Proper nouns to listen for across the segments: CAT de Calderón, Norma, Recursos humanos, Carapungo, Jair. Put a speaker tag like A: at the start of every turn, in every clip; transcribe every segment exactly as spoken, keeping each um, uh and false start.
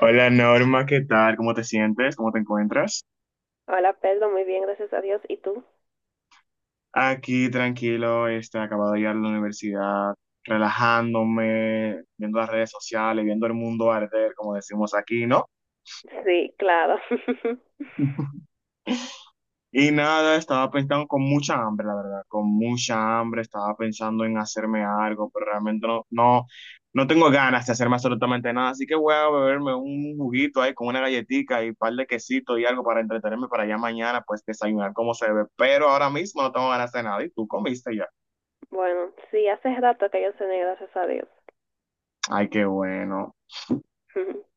A: Hola Norma, ¿qué tal? ¿Cómo te sientes? ¿Cómo te encuentras?
B: Hola Pedro, muy bien, gracias a Dios. ¿Y tú?
A: Aquí tranquilo, este, acabado de ir a la universidad, relajándome, viendo las redes sociales, viendo el mundo arder, como decimos aquí, ¿no?
B: Sí, claro.
A: Y nada, estaba pensando con mucha hambre, la verdad, con mucha hambre, estaba pensando en hacerme algo, pero realmente no, no, no tengo ganas de hacerme absolutamente nada, así que voy a beberme un juguito ahí con una galletita y un par de quesitos y algo para entretenerme para ya mañana, pues desayunar como se debe, pero ahora mismo no tengo ganas de nada, ¿y tú comiste ya?
B: Bueno, sí, hace rato que yo cené, gracias a Dios.
A: Ay, qué bueno.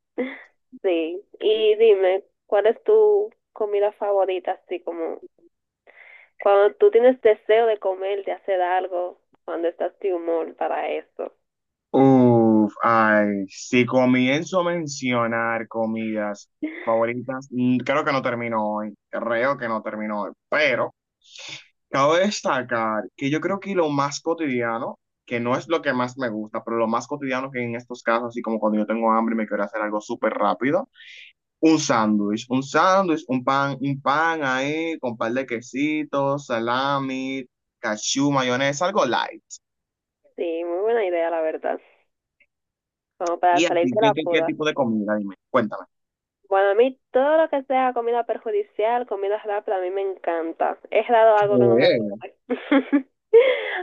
B: Sí, y dime, ¿cuál es tu comida favorita? Así como cuando tú tienes deseo de comer, de hacer algo, cuando estás de humor para eso.
A: Uf, ay, si comienzo a mencionar comidas favoritas, mm, creo que no termino hoy, creo que no termino hoy, pero... Cabe destacar que yo creo que lo más cotidiano, que no es lo que más me gusta, pero lo más cotidiano que en estos casos, así como cuando yo tengo hambre y me quiero hacer algo súper rápido, un sándwich, un sándwich, un pan, un pan ahí con un par de quesitos, salami, cachú, mayonesa, algo light.
B: Sí, muy buena idea, la verdad. Como
A: ¿Y
B: para
A: a
B: salir
A: ti
B: de
A: qué,
B: la
A: qué, qué
B: poda.
A: tipo de comida? Dime, cuéntame.
B: Bueno, a mí todo lo que sea comida perjudicial, comida rápida, a mí me encanta. Es raro algo que no me
A: ¿Qué?
B: gusta.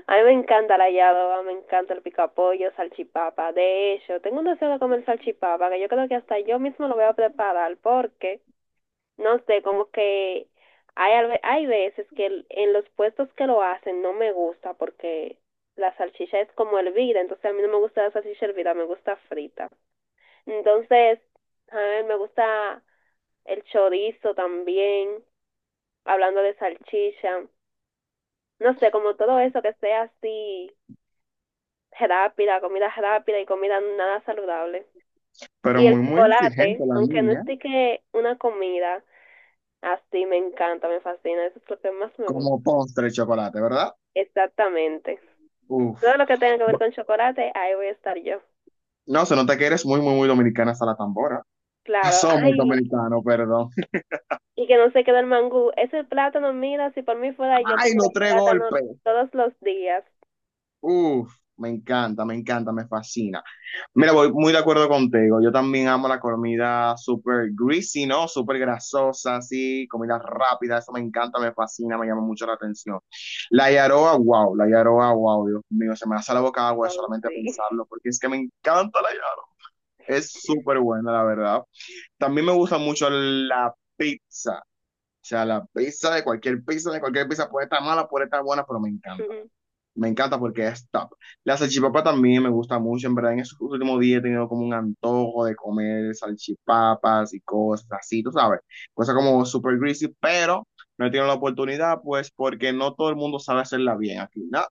B: A mí me encanta la yadoba, me encanta el picapollo, salchipapa. De hecho, tengo un deseo de comer salchipapa que yo creo que hasta yo mismo lo voy a preparar porque no sé, como que hay, alve- hay veces que el- en los puestos que lo hacen no me gusta porque la salchicha es como hervida, entonces a mí no me gusta la salchicha hervida, me gusta frita. Entonces, a mí me gusta el chorizo también, hablando de salchicha, no sé, como todo eso que sea así rápida, comida rápida y comida nada saludable.
A: Pero
B: Y el
A: muy, muy exigente
B: chocolate,
A: la
B: aunque no
A: niña,
B: esté que una comida, así me encanta, me fascina, eso es lo que más me gusta.
A: ¿como postre de chocolate, verdad?
B: Exactamente.
A: Uf.
B: Todo lo que tenga que ver con chocolate, ahí voy a estar yo.
A: No, se nota que eres muy, muy, muy dominicana hasta la tambora.
B: Claro,
A: Somos
B: ay,
A: dominicanos, perdón.
B: y que no se quede el mangú. Ese plátano, mira, si por mí fuera yo
A: Ay,
B: comiera
A: los tres
B: plátano
A: golpes.
B: todos los días.
A: Uf, me encanta, me encanta, me fascina. Mira, voy muy de acuerdo contigo. Yo también amo la comida súper greasy, ¿no? Súper grasosa, así, comida rápida. Eso me encanta, me fascina, me llama mucho la atención. La yaroa, wow, la yaroa, wow, Dios mío, se me hace la boca agua de
B: Oh,
A: solamente
B: sí.
A: pensarlo, porque es que me encanta la yaroa. Es súper buena, la verdad. También me gusta mucho la pizza. O sea, la pizza, de cualquier pizza, de cualquier pizza, puede estar mala, puede estar buena, pero me encanta. Me encanta porque es top. La salchipapa también me gusta mucho. En verdad, en esos últimos días he tenido como un antojo de comer salchipapas y cosas así, tú sabes. Cosas como super greasy, pero no he tenido la oportunidad, pues porque no todo el mundo sabe hacerla bien aquí, ¿no?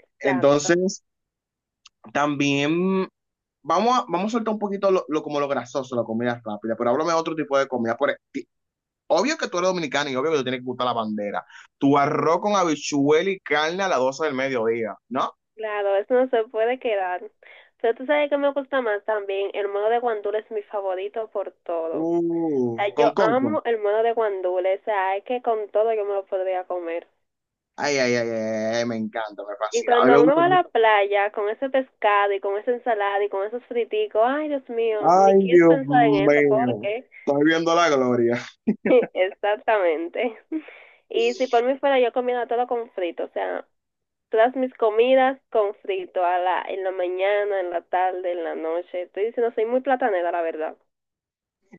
B: Exacto.
A: Entonces, también vamos a, vamos a soltar un poquito lo, lo- como lo grasoso, la comida rápida, pero háblame de otro tipo de comida. Por, obvio que tú eres dominicano y obvio que te tiene que gustar la bandera. Tu arroz con habichuela y carne a las doce del mediodía, ¿no?
B: Claro, eso no se puede quedar. Pero tú sabes que me gusta más también. El modo de guandula es mi favorito por todo. O
A: Uf,
B: sea,
A: con
B: yo
A: coco.
B: amo el modo de guandula. O sea, es que con todo yo me lo podría comer.
A: Ay, ay, ay, ay, ay, me encanta, me
B: Y
A: fascina. A mí me
B: cuando uno
A: gusta
B: va a la
A: mucho.
B: playa con ese pescado y con esa ensalada y con esos friticos, ay, Dios mío, ni
A: Ay,
B: quiero
A: Dios
B: pensar en eso
A: mío.
B: porque
A: Estoy viendo la gloria.
B: exactamente. Y si por mí fuera yo comiera todo con frito, o sea, todas mis comidas con frito a la, en la mañana, en la tarde, en la noche. Estoy diciendo, soy muy platanera, la verdad.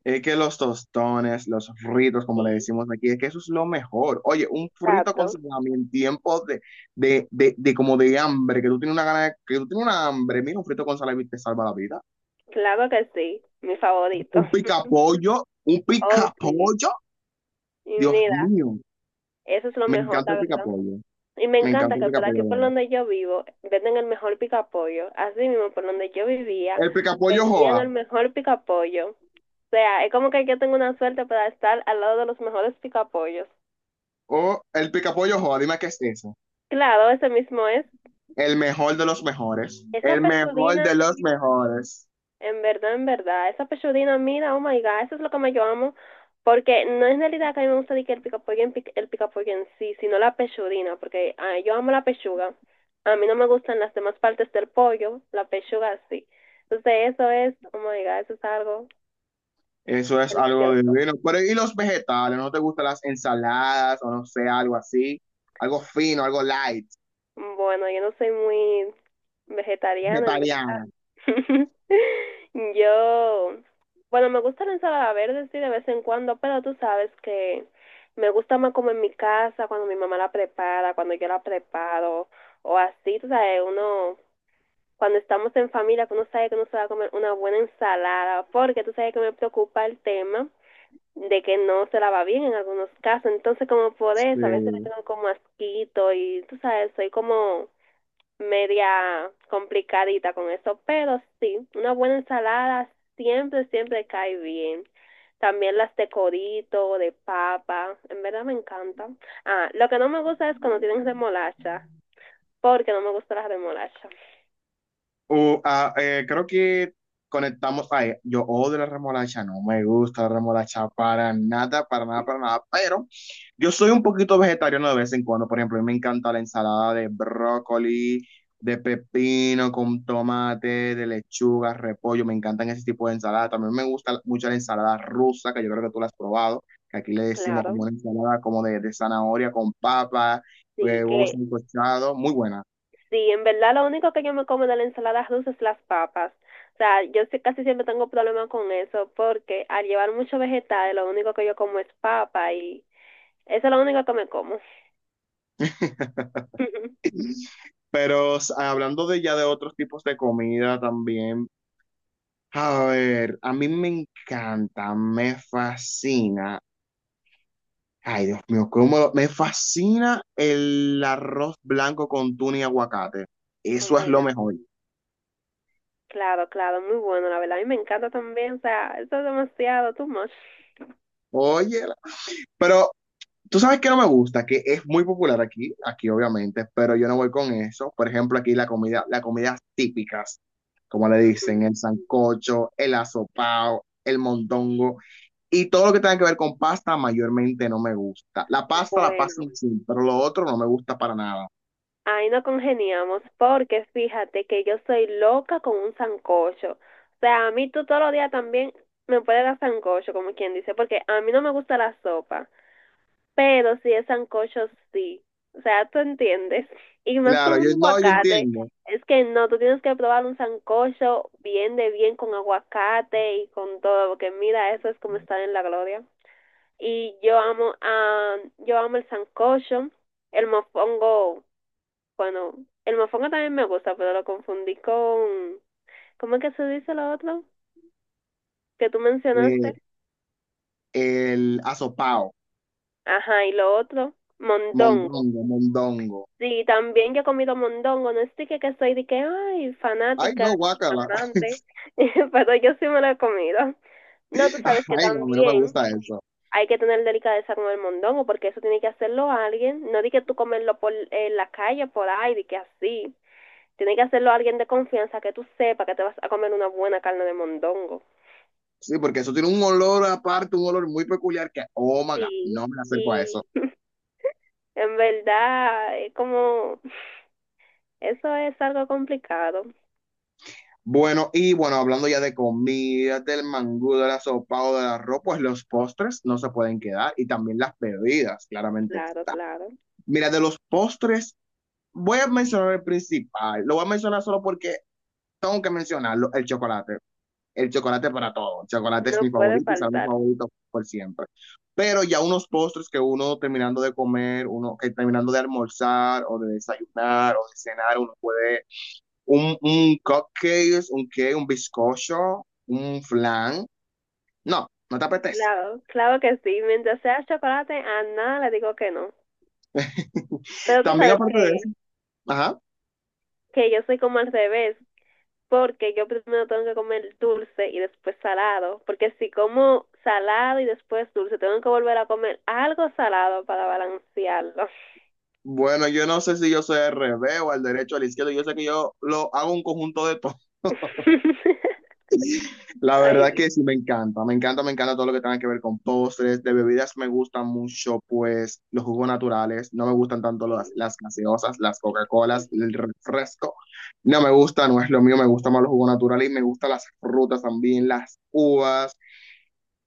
A: Es que los tostones, los fritos, como le
B: Sí,
A: decimos aquí, es que eso es lo mejor. Oye, un frito con
B: exacto.
A: salami en tiempos de, de, de, de como de hambre, que tú tienes una gana de- que tú tienes una hambre. Mira, un frito con salami te salva la vida.
B: Claro que sí, mi
A: Un
B: favorito.
A: picapollo, un
B: Oh, sí.
A: picapollo.
B: Y
A: Dios
B: mira,
A: mío,
B: eso es lo
A: me
B: mejor,
A: encanta
B: la
A: el
B: verdad.
A: picapollo.
B: Y me
A: Me encanta
B: encanta
A: el
B: que por
A: picapollo,
B: aquí,
A: la
B: por
A: verdad.
B: donde yo vivo, venden el mejor picapollo. Así mismo, por donde yo vivía,
A: El picapollo
B: vendían
A: Joa,
B: el mejor picapollo. O sea, es como que yo tengo una suerte para estar al lado de los mejores picapollos.
A: o el picapollo Joa, dime qué es eso.
B: Claro, ese mismo es.
A: El mejor de los mejores.
B: Esa
A: El mejor
B: pechudina.
A: de los mejores.
B: En verdad, en verdad, esa pechudina, mira, oh my god, eso es lo que me yo amo, porque no es en realidad que a mí me gusta de que el picapollo en, pic- el picapollo en sí, sino la pechudina, porque ah, yo amo la pechuga, a mí no me gustan las demás partes del pollo, la pechuga sí, entonces eso es, oh my god, eso es algo
A: Eso es algo
B: delicioso.
A: divino. Pero, ¿y los vegetales? ¿No te gustan las ensaladas o no sé, algo así? Algo fino, algo light,
B: Bueno, yo no soy muy vegetariana en
A: vegetariana.
B: verdad. Yo, bueno, me gusta la ensalada verde, sí, de vez en cuando, pero tú sabes que me gusta más como en mi casa, cuando mi mamá la prepara, cuando yo la preparo, o así, tú sabes, uno, cuando estamos en familia, que uno sabe que uno se va a comer una buena ensalada, porque tú sabes que me preocupa el tema de que no se la va bien en algunos casos, entonces como por eso, a veces le
A: Sí.
B: tengo como asquito y tú sabes, soy como media complicadita con eso, pero sí, una buena ensalada siempre, siempre cae bien. También las de corito, de papa, en verdad me encanta. Ah, lo que no me gusta es cuando tienen remolacha, porque no me gusta la remolacha.
A: Uh, ah, eh, creo que conectamos. Ay, yo odio la remolacha, no me gusta la remolacha para nada, para nada, para nada. Pero yo soy un poquito vegetariano de vez en cuando. Por ejemplo, a mí me encanta la ensalada de brócoli, de pepino con tomate, de lechuga, repollo. Me encantan ese tipo de ensalada. También me gusta mucho la ensalada rusa, que yo creo que tú la has probado. Que aquí le decimos como
B: Claro,
A: una ensalada como de, de zanahoria con papa,
B: sí,
A: eh, huevos
B: que
A: sancochados. Muy buena.
B: sí, en verdad lo único que yo me como de la ensalada rusa es las papas. O sea, yo sí- casi siempre tengo problemas con eso, porque al llevar mucho vegetal, lo único que yo como es papa y eso es lo único que me como.
A: Pero s- hablando de ya de otros tipos de comida también, a ver, a mí me encanta, me fascina. Ay, Dios mío, cómo lo- me fascina el arroz blanco con tuna y aguacate.
B: Oh
A: Eso es
B: my
A: lo
B: God.
A: mejor.
B: Claro, claro, muy bueno, la verdad. A mí me encanta también, o sea, eso es demasiado, too much.
A: Oye, la- pero tú sabes que no me gusta, que es muy popular aquí, aquí obviamente, pero yo no voy con eso. Por ejemplo, aquí la comida, las comidas típicas, como le
B: Ujú.
A: dicen, el sancocho, el asopao, el mondongo. Y todo lo que tenga que ver con pasta mayormente no me gusta. La pasta, la pasta
B: Bueno,
A: en sí, pero lo otro no me gusta para nada.
B: ahí no congeniamos, porque fíjate que yo soy loca con un sancocho. O sea, a mí tú todos los días también me puedes dar sancocho, como quien dice, porque a mí no me gusta la sopa, pero si es sancocho, sí. O sea, tú entiendes. Y más
A: Claro,
B: con
A: yo
B: un
A: no, yo
B: aguacate,
A: entiendo.
B: es que no, tú tienes que probar un sancocho bien de bien con aguacate y con todo, porque mira, eso es como estar en la gloria. Y yo amo, ah, yo amo el sancocho, el mofongo, bueno, el mofongo también me gusta, pero lo confundí con, ¿cómo es que se dice lo otro? Que tú
A: Eh,
B: mencionaste.
A: el asopao,
B: Ajá, y lo otro, mondongo.
A: mondongo, mondongo.
B: Sí, también yo he comido mondongo, no es de que, que soy de que, ay,
A: Ay,
B: fanática,
A: no, guácala.
B: amante, pero yo sí me lo he comido. No, tú sabes que
A: Ay, no, a mí no me
B: también
A: gusta eso.
B: hay que tener delicadeza con el mondongo, porque eso tiene que hacerlo alguien, no di que tú comerlo por en la calle, por ahí, de que así. Tiene que hacerlo alguien de confianza que tú sepas que te vas a comer una buena carne de mondongo.
A: Sí, porque eso tiene un olor aparte, un olor muy peculiar que, oh my God,
B: Sí,
A: no me acerco a eso.
B: y en verdad es como, eso es algo complicado,
A: Bueno, y bueno, hablando ya de comida, del mangú, del asopado, del arroz, pues los postres no se pueden quedar y también las bebidas, claramente.
B: claro, claro,
A: Mira, de los postres, voy a mencionar el principal. Lo voy a mencionar solo porque tengo que mencionarlo, el chocolate. El chocolate para todo. El chocolate es
B: no
A: mi
B: puede
A: favorito y será mi
B: faltar.
A: favorito por siempre. Pero ya unos postres que uno terminando de comer, uno que terminando de almorzar o de desayunar o de cenar, uno puede un, un cupcake, un qué, un bizcocho, un flan. No, no te apetece.
B: Claro, claro que sí. Mientras sea chocolate, a nada le digo que no. Pero tú
A: También
B: sabes
A: aparte de eso,
B: que,
A: ajá.
B: que yo soy como al revés, porque yo primero tengo que comer dulce y después salado, porque si como salado y después dulce, tengo que volver a comer algo salado para balancearlo.
A: Bueno, yo no sé si yo soy al revés o al derecho o al izquierdo. Yo sé que yo lo hago un conjunto de todo. La
B: Ay,
A: verdad que
B: Dios.
A: sí me encanta. Me encanta, me encanta todo lo que tenga que ver con postres. De bebidas me gustan mucho, pues, los jugos naturales. No me gustan tanto
B: Sí,
A: las, las gaseosas, las Coca-Colas,
B: sí.
A: el refresco. No me gusta, no es lo mío. Me gustan más los jugos naturales y me gustan las frutas también, las uvas,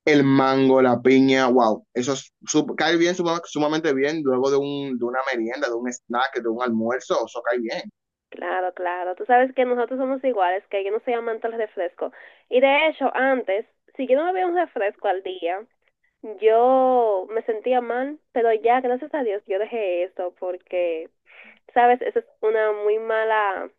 A: el mango, la piña, wow, eso es sup- cae bien, suma- sumamente bien, luego de, un, de una merienda, de un snack, de un almuerzo, eso cae bien.
B: Claro, claro. Tú sabes que nosotros somos iguales, que yo no soy amante del refresco. Y de hecho, antes, si yo no bebía un refresco al día, yo me sentía mal, pero ya, gracias a Dios, yo dejé eso porque, sabes, eso es una muy mala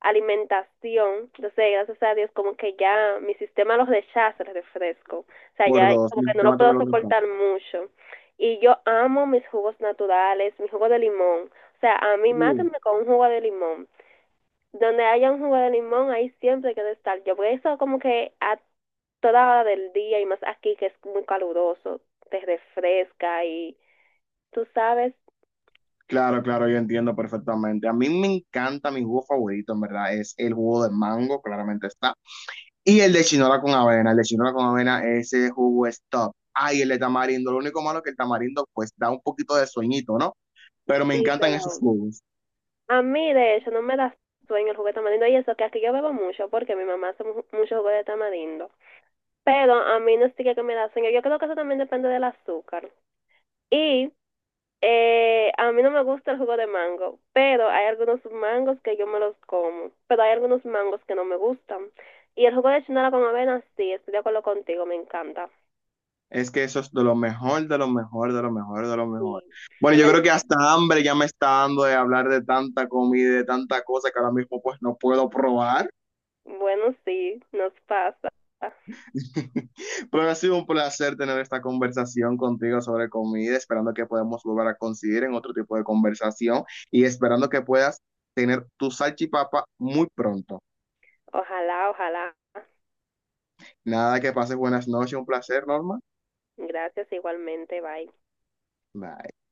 B: alimentación. Entonces, gracias a Dios, como que ya mi sistema los rechaza el refresco. O sea,
A: Por
B: ya
A: dos,
B: como
A: mi
B: que no
A: sistema
B: lo
A: te me
B: puedo
A: lo rechaza.
B: soportar mucho. Y yo amo mis jugos naturales, mi jugo de limón. O sea, a mí
A: Uh,
B: mátenme con un jugo de limón. Donde haya un jugo de limón, ahí siempre quiero estar. Yo por eso como que a toda hora del día y más aquí que es muy caluroso, te refresca y tú sabes,
A: claro, claro, yo entiendo perfectamente. A mí me encanta mi jugo favorito, en verdad, es el jugo de mango, claramente está. Y el de chinola con avena, el de chinola con avena, ese jugo es top. Ay, el de tamarindo, lo único malo es que el tamarindo pues da un poquito de sueñito, ¿no? Pero me
B: sí,
A: encantan esos
B: pero
A: jugos.
B: a mí de hecho no me da sueño el jugo de tamarindo y eso que aquí yo bebo mucho porque mi mamá hace mu- mucho jugo de tamarindo, pero a mí no sí que me da sueño, yo creo que eso también depende del azúcar y eh, a mí no me gusta el jugo de mango, pero hay algunos mangos que yo me los como, pero hay algunos mangos que no me gustan. Y el jugo de chinola con avena, sí, estoy de acuerdo contigo, me encanta.
A: Es que eso es de lo mejor, de lo mejor, de lo mejor, de lo mejor.
B: Sí,
A: Bueno,
B: en
A: yo creo que
B: verdad.
A: hasta hambre ya me está dando de hablar de tanta comida, de tanta cosa que ahora mismo pues no puedo probar.
B: Bueno, sí, nos pasa.
A: Pero ha sido un placer tener esta conversación contigo sobre comida, esperando que podamos volver a coincidir en otro tipo de conversación y esperando que puedas tener tu salchipapa muy pronto.
B: Ojalá, ojalá.
A: Nada, que pases buenas noches, un placer, Norma.
B: Gracias igualmente, bye.
A: Bye.